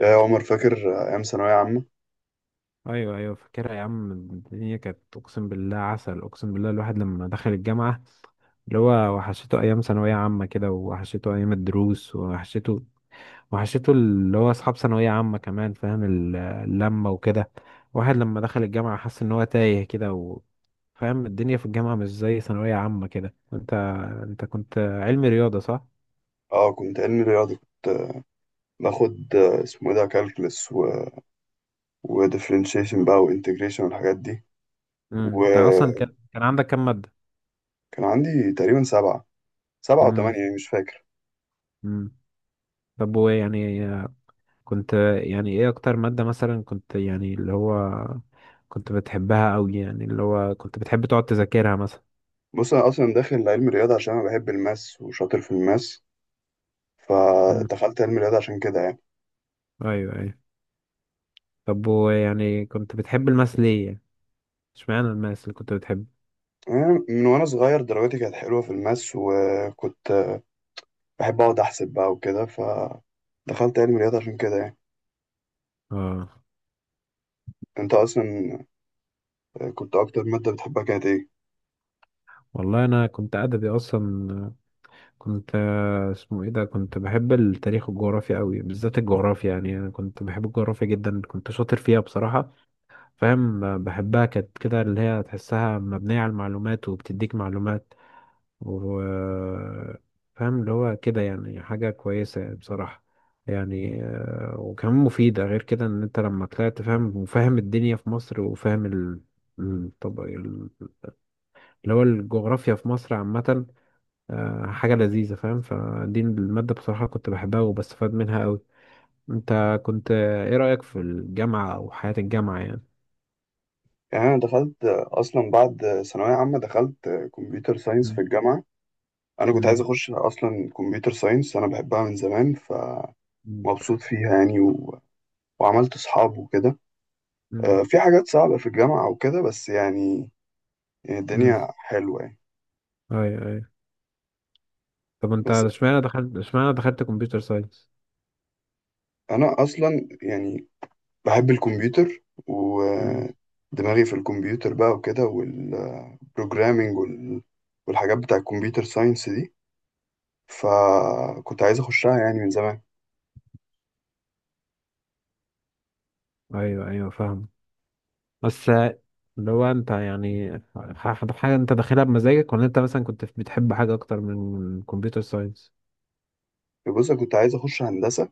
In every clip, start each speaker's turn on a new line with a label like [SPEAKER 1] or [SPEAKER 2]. [SPEAKER 1] يا عمر، فاكر أيام ثانوية عامة؟
[SPEAKER 2] ايوه ايوه، فاكرها يا عم. الدنيا كانت، اقسم بالله، عسل، اقسم بالله. الواحد لما دخل الجامعه اللي هو وحشته ايام ثانويه عامه كده، وحشته ايام الدروس، وحشته اللي هو اصحاب ثانويه عامه كمان. فاهم اللمه وكده. واحد لما دخل الجامعه حس ان هو تايه كده فاهم الدنيا في الجامعه مش زي ثانويه عامه كده. انت كنت علمي رياضه صح؟
[SPEAKER 1] اه، كنت علمي رياضة. كنت باخد اسمه ايه ده، كالكلس وديفرنشيشن بقى وانتجريشن والحاجات دي.
[SPEAKER 2] انت اصلا
[SPEAKER 1] وكان
[SPEAKER 2] كان عندك كام ماده؟
[SPEAKER 1] عندي تقريبا سبعة، سبعة
[SPEAKER 2] امم
[SPEAKER 1] وتمانية، يعني مش فاكر.
[SPEAKER 2] امم طب وايه يعني؟ كنت، يعني ايه اكتر مادة مثلا كنت، يعني اللي هو كنت بتحبها قوي، يعني اللي هو كنت بتحب تقعد تذاكرها مثلا؟
[SPEAKER 1] بص، أنا أصلا داخل علم رياضة عشان أنا بحب الماس وشاطر في الماس،
[SPEAKER 2] مم.
[SPEAKER 1] فدخلت علم رياضة عشان كده يعني.
[SPEAKER 2] ايوه ايوه. طب ويعني كنت بتحب الماس ليه يعني؟ اشمعنى الماس اللي كنت بتحبه؟
[SPEAKER 1] أنا من وأنا صغير درجاتي كانت حلوة في الماس، وكنت بحب أقعد أحسب بقى وكده، فدخلت علم رياضة عشان كده يعني.
[SPEAKER 2] اه،
[SPEAKER 1] أنت أصلا كنت أكتر مادة بتحبها كانت إيه؟
[SPEAKER 2] والله انا كنت ادبي اصلا. كنت آه، اسمه ايه ده كنت بحب التاريخ والجغرافيا قوي، بالذات الجغرافيا. يعني انا كنت بحب الجغرافيا جدا، كنت شاطر فيها بصراحة. فاهم بحبها كانت كده اللي هي تحسها مبنية على المعلومات وبتديك معلومات، وفاهم اللي هو كده يعني حاجة كويسة بصراحة. يعني وكمان مفيدة. غير كده ان انت لما طلعت فاهم، وفاهم الدنيا في مصر، وفاهم ال، طب اللي هو الجغرافيا في مصر عامة حاجة لذيذة فاهم. فدي المادة بصراحة كنت بحبها وبستفاد منها أوي. انت كنت ايه رأيك في الجامعة أو حياة الجامعة يعني؟
[SPEAKER 1] يعني أنا دخلت أصلا بعد ثانوية عامة، دخلت كمبيوتر ساينس في
[SPEAKER 2] مم.
[SPEAKER 1] الجامعة. أنا كنت عايز
[SPEAKER 2] مم.
[SPEAKER 1] أخش أصلا كمبيوتر ساينس، أنا بحبها من زمان.
[SPEAKER 2] مم.
[SPEAKER 1] فمبسوط فيها يعني وعملت أصحاب وكده.
[SPEAKER 2] مم.
[SPEAKER 1] في حاجات صعبة في الجامعة وكده، بس يعني
[SPEAKER 2] مم.
[SPEAKER 1] الدنيا حلوة يعني.
[SPEAKER 2] أيوة أيوة. طب انت
[SPEAKER 1] بس
[SPEAKER 2] اشمعنى دخلت كمبيوتر ساينس؟
[SPEAKER 1] أنا أصلا يعني بحب الكمبيوتر ودماغي في الكمبيوتر بقى وكده، والبروجرامينج programming والحاجات بتاع الكمبيوتر ساينس دي. فكنت عايز أخشها يعني من زمان.
[SPEAKER 2] ايوه ايوه فاهم. بس اللي هو انت يعني، حاجه انت داخلها بمزاجك ولا انت مثلا كنت بتحب حاجه اكتر من الكمبيوتر ساينس؟
[SPEAKER 1] بص، أنا كنت عايز اخش هندسه،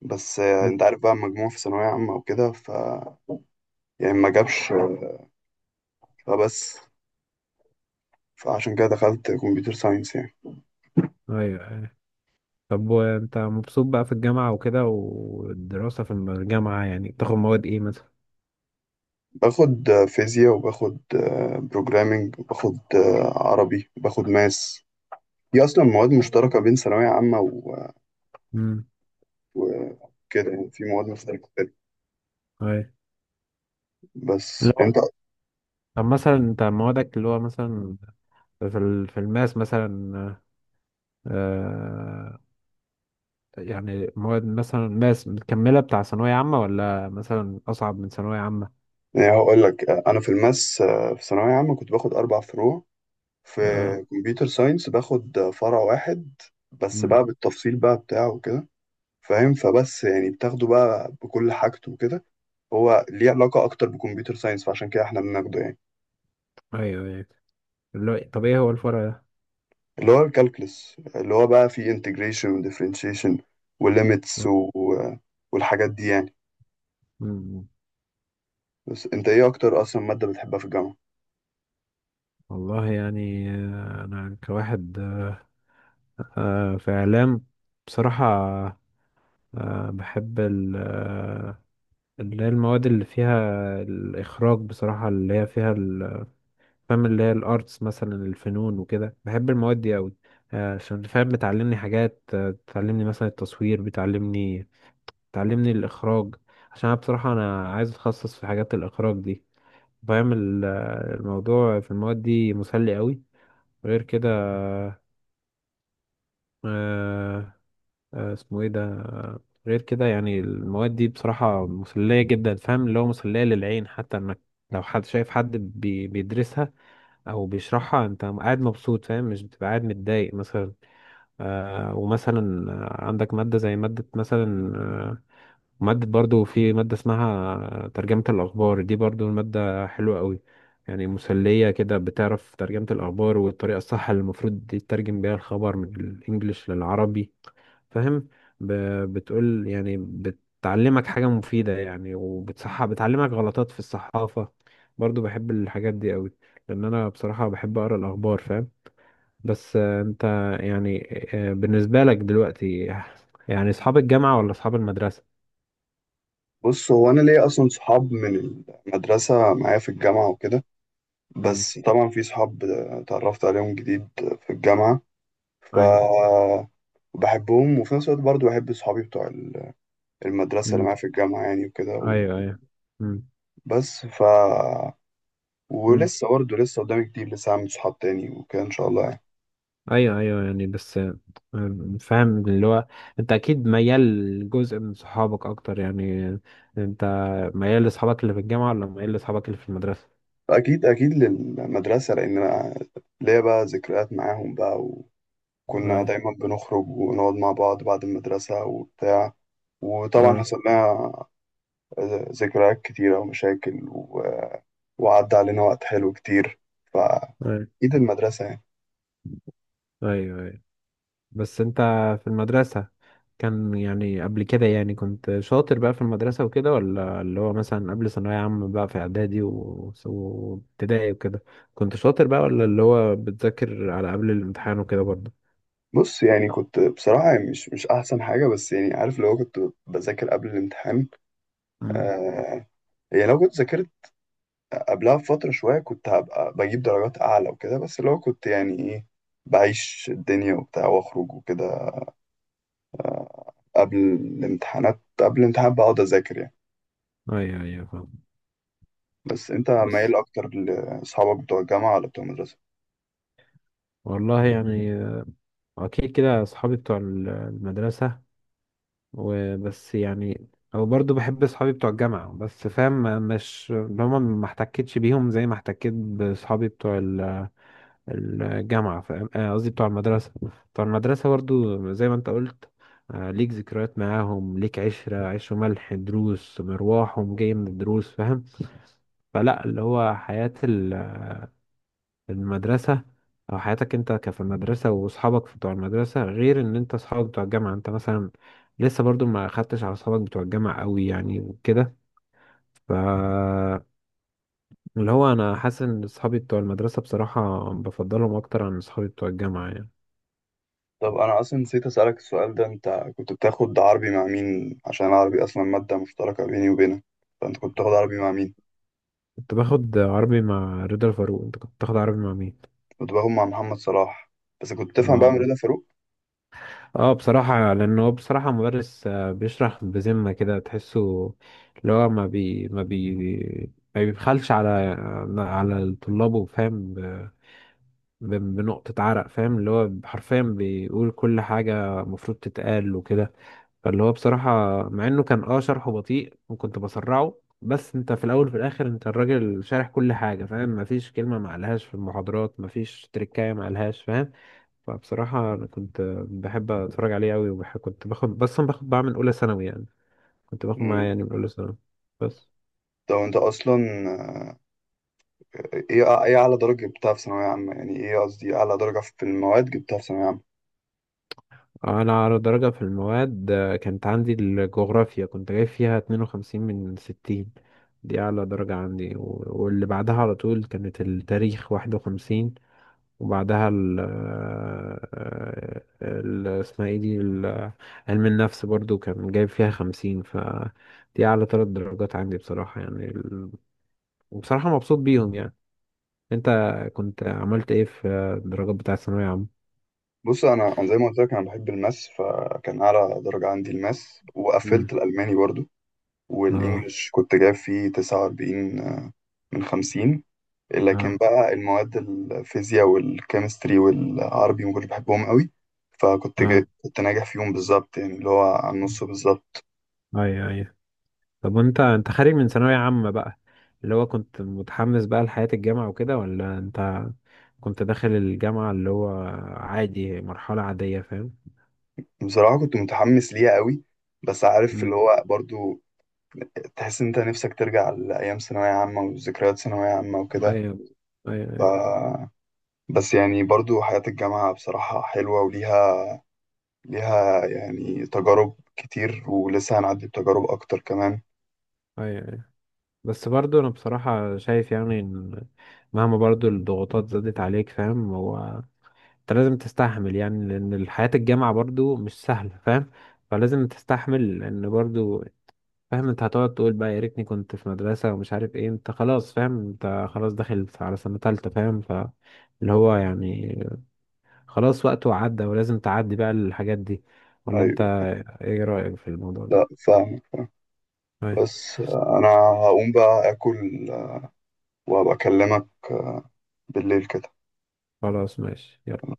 [SPEAKER 1] بس
[SPEAKER 2] مم.
[SPEAKER 1] انت عارف بقى المجموع في ثانويه عامه وكده، ف يعني ما جابش فبس، فعشان كده دخلت كمبيوتر ساينس يعني.
[SPEAKER 2] ايوه ايوه. طب وانت مبسوط بقى في الجامعه وكده والدراسه في الجامعه؟ يعني بتاخد مواد ايه مثلا؟
[SPEAKER 1] باخد فيزياء، وباخد بروجرامنج، وباخد عربي، وباخد ماس. دي اصلا مواد مشتركه بين ثانويه عامه
[SPEAKER 2] امم
[SPEAKER 1] وكده. يعني في مواد مشتركه كتير.
[SPEAKER 2] ايوه.
[SPEAKER 1] بس
[SPEAKER 2] اللي هو
[SPEAKER 1] انت
[SPEAKER 2] طب مثلا انت موادك اللي هو مثلا، في في الماس مثلا، آه، يعني مواد مثلا ماس مكمله بتاع ثانويه عامه ولا مثلا اصعب من ثانويه عامه؟
[SPEAKER 1] يعني هقول لك، انا في الماس في ثانويه عامه كنت باخد اربع فروع. في
[SPEAKER 2] اه
[SPEAKER 1] كمبيوتر ساينس باخد فرع واحد بس، بقى بالتفصيل بقى بتاعه وكده فاهم. فبس يعني بتاخده بقى بكل حاجته وكده. هو ليه علاقة أكتر بكمبيوتر ساينس، فعشان كده إحنا بناخده يعني.
[SPEAKER 2] ايوه ايوه. اللي هو، طب ايه هو الفرع ده؟
[SPEAKER 1] اللي هو الكالكلس، اللي هو بقى فيه انتجريشن وديفرنشيشن وليميتس والحاجات دي يعني.
[SPEAKER 2] مم.
[SPEAKER 1] بس أنت إيه أكتر أصلا مادة بتحبها في الجامعة؟
[SPEAKER 2] والله يعني انا كواحد في اعلام بصراحة، بحب اللي هي المواد اللي فيها الاخراج بصراحة، اللي هي فيها فاهم، اللي هي الارتس مثلا، الفنون وكده. بحب المواد دي قوي عشان فاهم بتعلمني حاجات، بتعلمني مثلا التصوير، بتعلمني الاخراج. عشان أنا بصراحة انا عايز اتخصص في حاجات الاخراج دي، فاهم. الموضوع في المواد دي مسلي قوي. غير كده، آه آه اسمه ايه ده آه، غير كده يعني المواد دي بصراحة مسلية جدا، فاهم، اللي هو مسلية للعين، حتى انك لو حد شايف حد بيدرسها او بيشرحها انت قاعد مبسوط فاهم، مش بتبقى قاعد متضايق مثلا. آه ومثلا عندك مادة زي مادة مثلا مادة، برضو في مادة اسمها ترجمة الأخبار، دي برضو المادة حلوة قوي. يعني مسلية كده، بتعرف ترجمة الأخبار والطريقة الصح اللي المفروض تترجم بيها الخبر من الإنجليش للعربي فاهم. ب- بتقول يعني بتعلمك حاجة مفيدة يعني، وبتصح بتعلمك غلطات في الصحافة. برضو بحب الحاجات دي قوي لأن أنا بصراحة بحب أقرأ الأخبار فاهم. بس أنت يعني، بالنسبة لك دلوقتي، يعني أصحاب الجامعة ولا أصحاب المدرسة؟
[SPEAKER 1] بص، هو أنا ليا أصلا صحاب من المدرسة معايا في الجامعة وكده.
[SPEAKER 2] امم
[SPEAKER 1] بس طبعا في صحاب اتعرفت عليهم جديد في الجامعة، ف بحبهم. وفي نفس الوقت برضه بحب صحابي بتوع المدرسة اللي
[SPEAKER 2] مم.
[SPEAKER 1] معايا في الجامعة يعني وكده.
[SPEAKER 2] ايوه ايوه. مم.
[SPEAKER 1] بس ف
[SPEAKER 2] مم.
[SPEAKER 1] ولسه برضه لسه قدامي كتير، لسه هعمل صحاب تاني وكده ان شاء الله يعني.
[SPEAKER 2] ايوه ايوه يعني. بس فاهم اللي هو انت اكيد ميال لجزء من صحابك اكتر يعني. انت ميال لاصحابك اللي في الجامعه ولا ميال لاصحابك اللي في المدرسه؟
[SPEAKER 1] اكيد اكيد للمدرسه، لان انا ليا بقى ذكريات معاهم بقى، وكنا
[SPEAKER 2] ايوه
[SPEAKER 1] دايما بنخرج ونقعد مع بعض بعد المدرسه وبتاع. وطبعا
[SPEAKER 2] آه،
[SPEAKER 1] حصل لنا ذكريات كتيره ومشاكل وعدى علينا وقت حلو كتير.
[SPEAKER 2] ايوه
[SPEAKER 1] فاكيد المدرسه يعني.
[SPEAKER 2] ايوه ايوه. بس انت في المدرسه كان يعني قبل كده، يعني كنت شاطر بقى في المدرسه وكده، ولا اللي هو مثلا قبل ثانويه عامه بقى في اعدادي وابتدائي وكده كنت شاطر بقى، ولا اللي هو بتذاكر على قبل الامتحان وكده برضه؟
[SPEAKER 1] بص، يعني كنت بصراحه يعني مش احسن حاجه، بس يعني عارف، لو كنت بذاكر قبل الامتحان
[SPEAKER 2] مم.
[SPEAKER 1] آه يعني لو كنت ذاكرت قبلها بفترة شوية كنت هبقى بجيب درجات أعلى وكده. بس اللي هو كنت يعني إيه، بعيش الدنيا وبتاع وأخرج وكده. قبل الامتحان بقعد أذاكر يعني.
[SPEAKER 2] ايوه ايوه فاهم.
[SPEAKER 1] بس أنت
[SPEAKER 2] بس
[SPEAKER 1] مايل أكتر لأصحابك بتوع الجامعة ولا بتوع المدرسة؟
[SPEAKER 2] والله يعني اكيد كده اصحابي بتوع المدرسه. وبس يعني او برضو بحب اصحابي بتوع الجامعه، بس فاهم مش هما، ما احتكتش بيهم زي ما احتكيت باصحابي بتوع ال- الجامعه فاهم آه، قصدي بتوع المدرسه. بتوع المدرسه برضو زي ما انت قلت، ليك ذكريات معاهم، ليك عشرة عيش وملح، دروس، مروحهم جاي من الدروس فاهم. فلا اللي هو حياة المدرسة أو حياتك أنت كفي المدرسة وأصحابك بتوع المدرسة غير إن أنت أصحابك بتوع الجامعة. أنت مثلا لسه برضو ما أخدتش على أصحابك بتوع الجامعة أوي يعني وكده. ف اللي هو أنا حاسس إن أصحابي بتوع المدرسة بصراحة بفضلهم أكتر عن أصحابي بتوع الجامعة يعني.
[SPEAKER 1] طب أنا أصلا نسيت أسألك السؤال ده. أنت كنت بتاخد عربي مع مين؟ عشان العربي أصلا مادة مشتركة بيني وبينك، فأنت كنت بتاخد عربي مع مين؟
[SPEAKER 2] كنت باخد عربي مع رضا الفاروق. أنت كنت بتاخد عربي مع مين؟
[SPEAKER 1] كنت باخد مع محمد صلاح. بس كنت بتفهم بقى من
[SPEAKER 2] آه،
[SPEAKER 1] رضا فاروق؟
[SPEAKER 2] اه بصراحة، لأنه هو بصراحة مدرس بيشرح بذمة كده تحسه اللي هو ما بيبخلش على على طلابه فاهم، بنقطة عرق فاهم. اللي هو حرفيا بيقول كل حاجة المفروض تتقال وكده. فاللي هو بصراحة مع إنه كان اه شرحه بطيء وكنت بسرعه، بس انت في الأول وفي الآخر انت الراجل شارح كل حاجة فاهم. مفيش كلمة معلهاش في المحاضرات، مفيش تركاية معلهاش فاهم. فبصراحة أنا كنت بحب أتفرج عليه أوي. وكنت باخد، بس أنا باخد بعمل أولى ثانوي يعني، كنت باخد معاه
[SPEAKER 1] مم.
[SPEAKER 2] يعني من أولى ثانوي. بس
[SPEAKER 1] طب أنت أصلا ايه اعلى درجه جبتها في ثانويه عامه؟ يعني ايه، قصدي ايه اعلى درجه في المواد جبتها في ثانويه عامه؟
[SPEAKER 2] أنا على درجة في المواد كانت عندي الجغرافيا، كنت جايب فيها 52 من 60. دي أعلى درجة عندي، واللي بعدها على طول كانت التاريخ، 51. وبعدها ال آه، ال- اسمها ايه دي ال- علم النفس، برضو كان جايب فيها 50. ف دي أعلى ثلاث درجات عندي بصراحة يعني، وبصراحة مبسوط بيهم يعني. انت كنت عملت ايه في الدرجات بتاع الثانوية عامة؟
[SPEAKER 1] بص، أنا زي ما قلت لك انا بحب الماس، فكان اعلى درجه عندي الماس،
[SPEAKER 2] امم
[SPEAKER 1] وقفلت الالماني برضو.
[SPEAKER 2] اه
[SPEAKER 1] والانجليش كنت جايب فيه 49 من 50. لكن
[SPEAKER 2] اه
[SPEAKER 1] بقى المواد الفيزياء والكيمستري والعربي ما كنتش بحبهم قوي. فكنت جاي
[SPEAKER 2] اه
[SPEAKER 1] كنت ناجح فيهم بالظبط يعني، اللي هو على النص بالظبط.
[SPEAKER 2] اي اي. طب وانت، انت خارج من ثانوية عامة بقى، اللي هو كنت متحمس بقى لحياة الجامعة وكده، ولا انت كنت داخل الجامعة اللي هو عادي، مرحلة عادية فاهم؟
[SPEAKER 1] بصراحه كنت متحمس ليها قوي، بس عارف، اللي
[SPEAKER 2] امم
[SPEAKER 1] هو برضو تحس إن أنت نفسك ترجع لأيام ثانوية عامة وذكريات ثانوية عامة
[SPEAKER 2] اه
[SPEAKER 1] وكده.
[SPEAKER 2] ايوه ايوه
[SPEAKER 1] ف...
[SPEAKER 2] ايوه
[SPEAKER 1] بس يعني برضو حياة الجامعة بصراحة حلوة وليها، يعني تجارب كتير، ولسه هنعدي بتجارب أكتر كمان.
[SPEAKER 2] ايوه. بس برضو انا بصراحة شايف يعني ان مهما برضو الضغوطات زادت عليك فاهم، هو انت لازم تستحمل يعني، لان حياة الجامعة برضو مش سهلة فاهم. فلازم تستحمل لان برضو فاهم انت هتقعد تقول بقى يا ريتني كنت في مدرسة ومش عارف ايه، انت خلاص فاهم، انت خلاص داخل على سنة تالتة فاهم. فاللي هو يعني خلاص وقته عدى ولازم تعدي بقى الحاجات دي، ولا انت
[SPEAKER 1] أيوة.
[SPEAKER 2] ايه رأيك في الموضوع
[SPEAKER 1] لا
[SPEAKER 2] ده؟
[SPEAKER 1] فاهم، بس أنا هقوم بقى آكل، وأبقى أكلمك بالليل كده.
[SPEAKER 2] خلاص ماشي يلا.